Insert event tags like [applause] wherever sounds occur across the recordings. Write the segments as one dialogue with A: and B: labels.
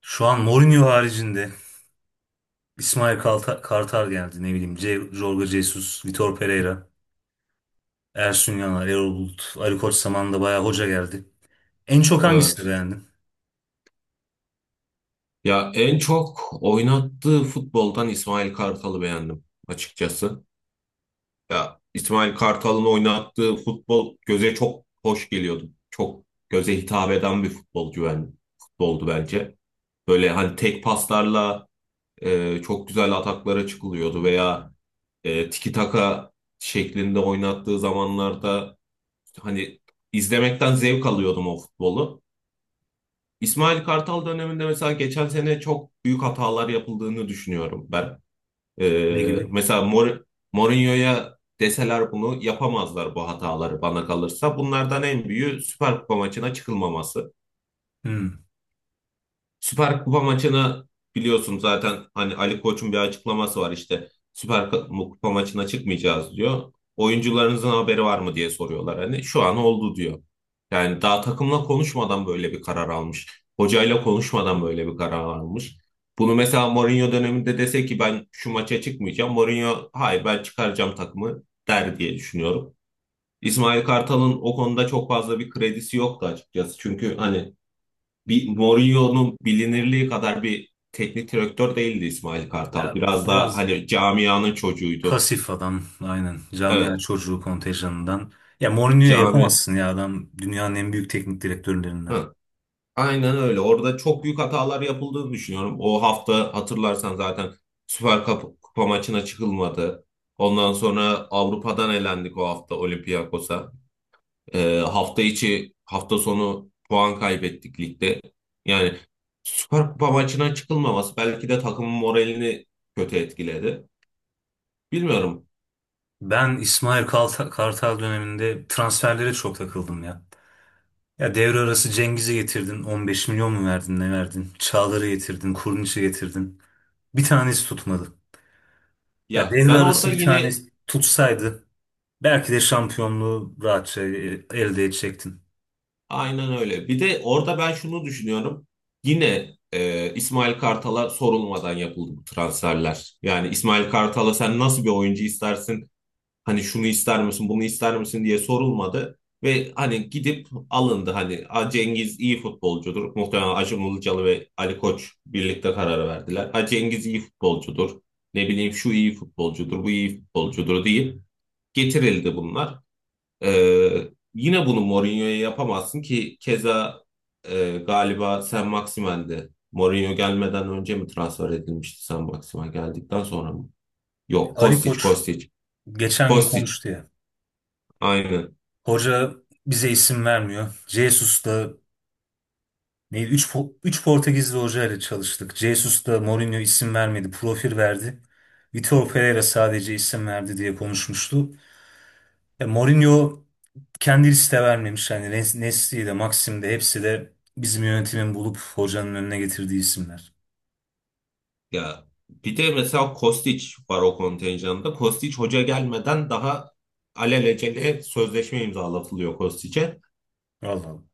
A: Şu an Mourinho haricinde Kartal geldi. Ne bileyim Jorge Jesus, Vitor Pereira, Ersun Yanal, Erol Bulut, Ali Koç zamanında bayağı hoca geldi. En çok hangisini
B: Evet.
A: beğendin?
B: Ya en çok oynattığı futboldan İsmail Kartal'ı beğendim açıkçası. Ya İsmail Kartal'ın oynattığı futbol göze çok hoş geliyordu. Çok göze hitap eden bir futbolcu ben, futboldu bence. Böyle hani tek paslarla çok güzel ataklara çıkılıyordu veya tiki taka şeklinde oynattığı zamanlarda hani izlemekten zevk alıyordum o futbolu. İsmail Kartal döneminde mesela geçen sene çok büyük hatalar yapıldığını düşünüyorum ben.
A: Ne
B: Ee,
A: gibi?
B: mesela Mor- Mourinho'ya deseler bunu yapamazlar bu hataları bana kalırsa. Bunlardan en büyüğü Süper Kupa maçına çıkılmaması.
A: Hmm.
B: Süper Kupa maçını biliyorsun zaten hani Ali Koç'un bir açıklaması var, işte Süper Kupa maçına çıkmayacağız diyor. Oyuncularınızın haberi var mı diye soruyorlar, hani şu an oldu diyor. Yani daha takımla konuşmadan böyle bir karar almış. Hocayla konuşmadan böyle bir karar almış. Bunu mesela Mourinho döneminde dese ki ben şu maça çıkmayacağım, Mourinho hayır ben çıkaracağım takımı der diye düşünüyorum. İsmail Kartal'ın o konuda çok fazla bir kredisi yoktu açıkçası. Çünkü hani bir Mourinho'nun bilinirliği kadar bir teknik direktör değildi İsmail Kartal.
A: Ya
B: Biraz daha
A: biraz
B: hani camianın çocuğuydu.
A: pasif adam aynen. Camia
B: Evet,
A: çocuğu kontenjanından. Ya Mourinho'ya
B: cami.
A: yapamazsın ya adam dünyanın en büyük teknik direktörlerinden.
B: Hı, aynen öyle. Orada çok büyük hatalar yapıldığını düşünüyorum. O hafta hatırlarsan zaten Süper Kupa, Kupa maçına çıkılmadı. Ondan sonra Avrupa'dan elendik o hafta Olympiakos'a. Hafta içi, hafta sonu puan kaybettik ligde. Yani Süper Kupa maçına çıkılmaması belki de takımın moralini kötü etkiledi. Bilmiyorum.
A: Ben Kartal döneminde transferlere çok takıldım ya. Ya devre arası Cengiz'i getirdin. 15 milyon mu verdin ne verdin? Çağlar'ı getirdin. Kurniç'i getirdin. Bir tanesi tutmadı. Ya
B: Ya
A: devre
B: ben orada
A: arası bir
B: yine
A: tanesi tutsaydı belki de şampiyonluğu rahatça elde edecektin.
B: aynen öyle. Bir de orada ben şunu düşünüyorum. Yine İsmail Kartal'a sorulmadan yapıldı bu transferler. Yani İsmail Kartal'a sen nasıl bir oyuncu istersin? Hani şunu ister misin, bunu ister misin diye sorulmadı. Ve hani gidip alındı. Hani "A, Cengiz iyi futbolcudur. Muhtemelen Acun Ilıcalı ve Ali Koç birlikte karar verdiler. Ha, Cengiz iyi futbolcudur. Ne bileyim, şu iyi futbolcudur, bu iyi futbolcudur" deyip getirildi bunlar. Yine bunu Mourinho'ya yapamazsın ki, keza galiba Sen Maximen'di. Mourinho gelmeden önce mi transfer edilmişti, Sen Maximen geldikten sonra mı? Yok,
A: Ali
B: Kostic,
A: Koç
B: Kostic.
A: geçen gün
B: Kostic,
A: konuştu ya.
B: aynen.
A: Hoca bize isim vermiyor. Jesus da ne 3 Portekizli hoca ile çalıştık. Jesus da Mourinho isim vermedi, profil verdi. Vitor Pereira sadece isim verdi diye konuşmuştu. Ya Mourinho kendisi de vermemiş. Yani Nesli'yi de Maxim de hepsi de bizim yönetimin bulup hocanın önüne getirdiği isimler.
B: Ya bir de mesela Kostic var o kontenjanda. Kostic, hoca gelmeden daha alelacele sözleşme imzalatılıyor Kostic'e.
A: Vallahi.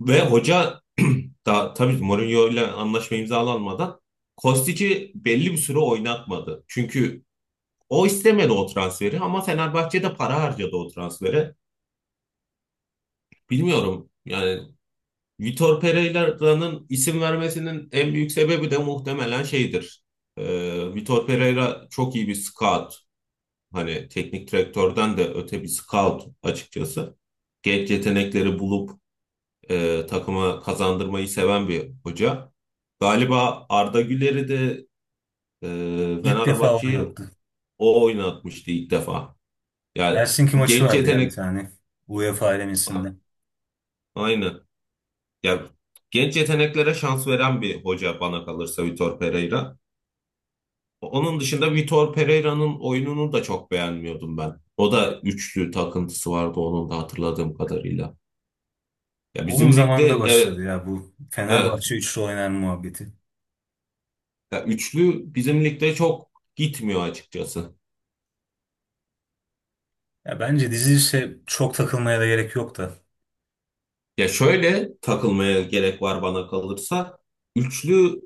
B: Ve hoca [clears throat] da tabii, Mourinho ile anlaşma imzalanmadan Kostic'i belli bir süre oynatmadı. Çünkü o istemedi o transferi, ama Fenerbahçe de para harcadı o transfere. Bilmiyorum yani, Vitor Pereira'nın isim vermesinin en büyük sebebi de muhtemelen şeydir. Vitor Pereira çok iyi bir scout. Hani teknik direktörden de öte bir scout açıkçası. Genç yetenekleri bulup takıma kazandırmayı seven bir hoca. Galiba Arda Güler'i de e,
A: İlk defa
B: Fenerbahçe'yi
A: oynattı.
B: o oynatmıştı ilk defa. Yani
A: Helsinki
B: o
A: maçı
B: genç
A: vardı ya bir
B: yetenek.
A: tane. UEFA elemesinde.
B: Aynen. Ya genç yeteneklere şans veren bir hoca bana kalırsa Vitor Pereira. Onun dışında Vitor Pereira'nın oyununu da çok beğenmiyordum ben. O da üçlü takıntısı vardı onun da, hatırladığım kadarıyla. Ya
A: Onun
B: bizim ligde,
A: zamanında
B: evet,
A: başladı ya bu
B: evet.
A: Fenerbahçe üçlü oynar muhabbeti.
B: Ya üçlü bizim ligde çok gitmiyor açıkçası.
A: Ya bence dizi ise çok takılmaya da gerek yok da.
B: Ya şöyle, takılmaya gerek var bana kalırsa. Üçlüyü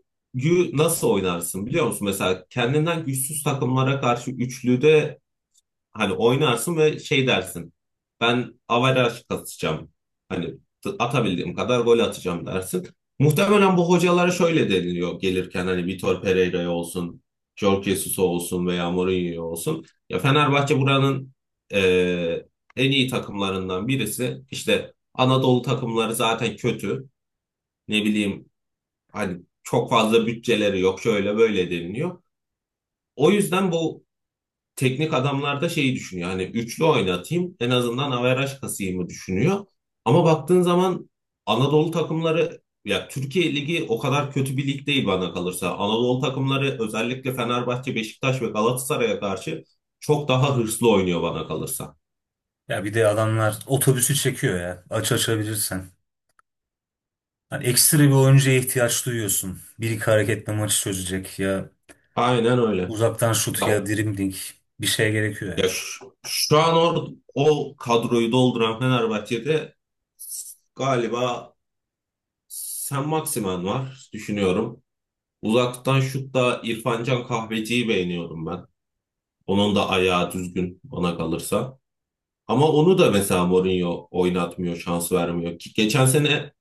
B: nasıl oynarsın biliyor musun? Mesela kendinden güçsüz takımlara karşı üçlüde hani oynarsın ve şey dersin. Ben averaj kasacağım. Hani atabildiğim kadar gol atacağım dersin. Muhtemelen bu hocalara şöyle deniliyor gelirken, hani Vitor Pereira olsun, Jorge Jesus'a olsun veya Mourinho'ya olsun. Ya Fenerbahçe buranın eee, en iyi takımlarından birisi. İşte Anadolu takımları zaten kötü. Ne bileyim, hani çok fazla bütçeleri yok, şöyle böyle deniliyor. O yüzden bu teknik adamlar da şeyi düşünüyor. Hani üçlü oynatayım, en azından averaj kasayımı düşünüyor. Ama baktığın zaman Anadolu takımları, ya Türkiye Ligi o kadar kötü bir lig değil bana kalırsa. Anadolu takımları özellikle Fenerbahçe, Beşiktaş ve Galatasaray'a karşı çok daha hırslı oynuyor bana kalırsa.
A: Ya bir de adamlar otobüsü çekiyor ya. Aç açabilirsen. Hani ekstra bir oyuncuya ihtiyaç duyuyorsun. Bir iki hareketle maçı çözecek ya
B: Aynen öyle.
A: uzaktan şut
B: Ya,
A: ya dribbling bir şey gerekiyor
B: ya
A: ya.
B: şu an o kadroyu dolduran Fenerbahçe'de galiba Sen Maximen var düşünüyorum. Uzaktan şutta İrfan Can Kahveci'yi beğeniyorum ben. Onun da ayağı düzgün bana kalırsa. Ama onu da mesela Mourinho oynatmıyor, şans vermiyor. Ki geçen sene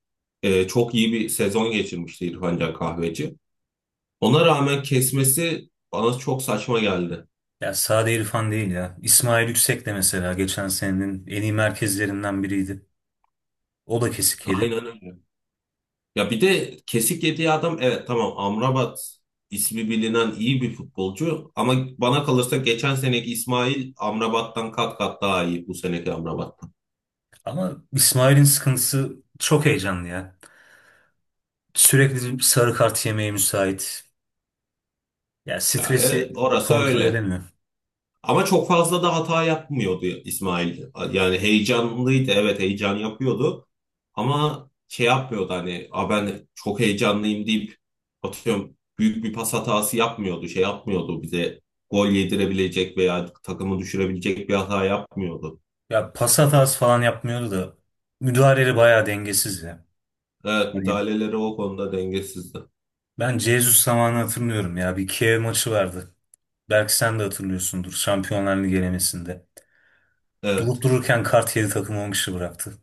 B: çok iyi bir sezon geçirmişti İrfan Can Kahveci. Ona rağmen kesmesi bana çok saçma geldi.
A: Ya Sade İrfan değil ya. İsmail Yüksek de mesela geçen senenin en iyi merkezlerinden biriydi. O da kesik yedi.
B: Aynen öyle. Ya bir de kesik yediği adam, evet tamam Amrabat ismi bilinen iyi bir futbolcu, ama bana kalırsa geçen seneki İsmail Amrabat'tan kat kat daha iyi bu seneki Amrabat.
A: Ama İsmail'in sıkıntısı çok heyecanlı ya. Sürekli bir sarı kart yemeye müsait. Ya
B: Ya evet,
A: stresi
B: orası
A: kontrol
B: öyle.
A: edemiyor.
B: Ama çok fazla da hata yapmıyordu İsmail. Yani heyecanlıydı, evet heyecan yapıyordu. Ama şey yapmıyordu, hani "Aa, ben çok heyecanlıyım" deyip, atıyorum, büyük bir pas hatası yapmıyordu. Şey yapmıyordu, bize gol yedirebilecek veya takımı düşürebilecek bir hata yapmıyordu.
A: Ya pas hatası falan yapmıyordu da müdahaleleri bayağı dengesiz ya.
B: Evet,
A: Hani
B: müdahaleleri o konuda dengesizdi.
A: ben Jesus zamanı hatırlıyorum ya. Bir Kiev maçı vardı. Belki sen de hatırlıyorsundur Şampiyonlar Ligi elemesinde. Durup
B: Evet,
A: dururken kart yedi takımı 10 kişi bıraktı.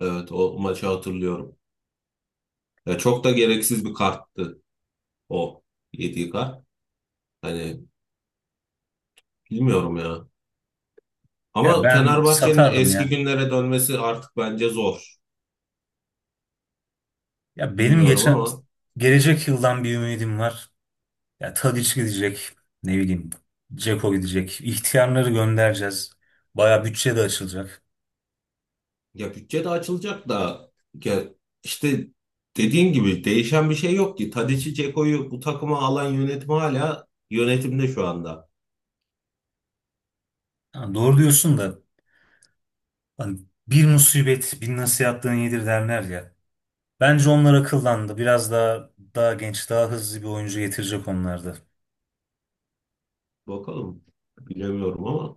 B: evet, o maçı hatırlıyorum. Ya çok da gereksiz bir karttı o yediği kart. Hani bilmiyorum ya.
A: Ya
B: Ama
A: ben
B: Fenerbahçe'nin
A: satardım
B: eski
A: ya.
B: günlere dönmesi artık bence zor.
A: Ya benim
B: Bilmiyorum
A: geçen
B: ama,
A: gelecek yıldan bir ümidim var. Ya Tadiç gidecek, ne bileyim, Dzeko gidecek. İhtiyarları göndereceğiz. Baya bütçe de açılacak.
B: ya bütçe de açılacak da, ya işte dediğin gibi değişen bir şey yok ki. Tadici, Ceko'yu bu takıma alan yönetim hala yönetimde şu anda.
A: Ha, doğru diyorsun da hani bir musibet bin nasihatten iyidir derler ya. Bence onlar akıllandı. Biraz daha genç, daha hızlı bir oyuncu getirecek onlarda.
B: Bakalım. Bilemiyorum ama,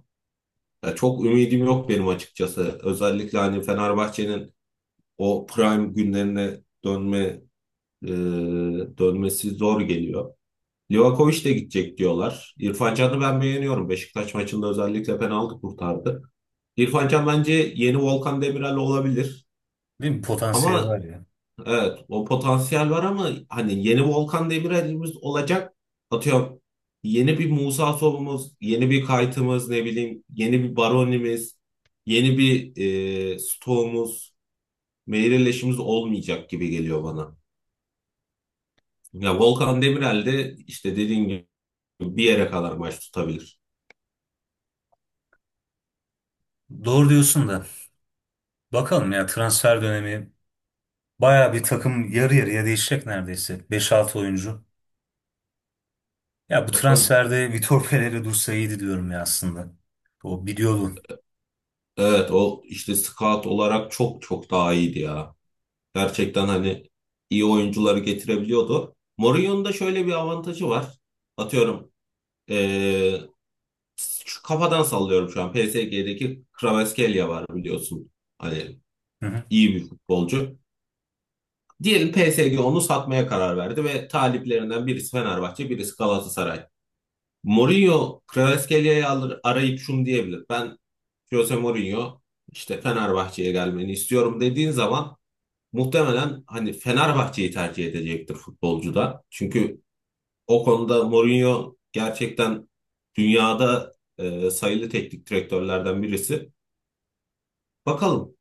B: ya çok ümidim yok benim açıkçası. Özellikle hani Fenerbahçe'nin o prime günlerine dönme e, dönmesi zor geliyor. Livakovic de gidecek diyorlar. İrfan Can'ı ben beğeniyorum. Beşiktaş maçında özellikle penaltı kurtardı. İrfan Can bence yeni Volkan Demirel olabilir.
A: Değil mi? Potansiyel var
B: Ama
A: ya.
B: evet, o potansiyel var ama hani yeni Volkan Demirel'imiz olacak. Atıyorum, yeni bir Musa Sow'umuz, yeni bir Kayt'ımız, ne bileyim yeni bir Baroni'miz, yeni bir Stoğ'umuz, Meireles olmayacak gibi geliyor bana. Ya Volkan Demirel de işte dediğin gibi bir yere kadar maç tutabilir.
A: Doğru diyorsun da bakalım ya transfer dönemi baya bir takım yarı yarıya değişecek neredeyse. Beş altı oyuncu. Ya bu
B: Bakalım.
A: transferde Vitor Pereira dursa iyiydi diyorum ya aslında. O biliyordu.
B: Evet, o işte scout olarak çok çok daha iyiydi ya. Gerçekten hani iyi oyuncuları getirebiliyordu. Mourinho'nun da şöyle bir avantajı var. Atıyorum eee, şu kafadan sallıyorum şu an. PSG'deki Kvaratskhelia var biliyorsun. Hani
A: Hı hı.
B: iyi bir futbolcu. Diyelim PSG onu satmaya karar verdi ve taliplerinden birisi Fenerbahçe, birisi Galatasaray. Mourinho Kvaratskhelia'yı alır, arayıp şunu diyebilir. Ben Jose Mourinho işte Fenerbahçe'ye gelmeni istiyorum dediğin zaman muhtemelen hani Fenerbahçe'yi tercih edecektir futbolcu da. Çünkü o konuda Mourinho gerçekten dünyada sayılı teknik direktörlerden birisi. Bakalım.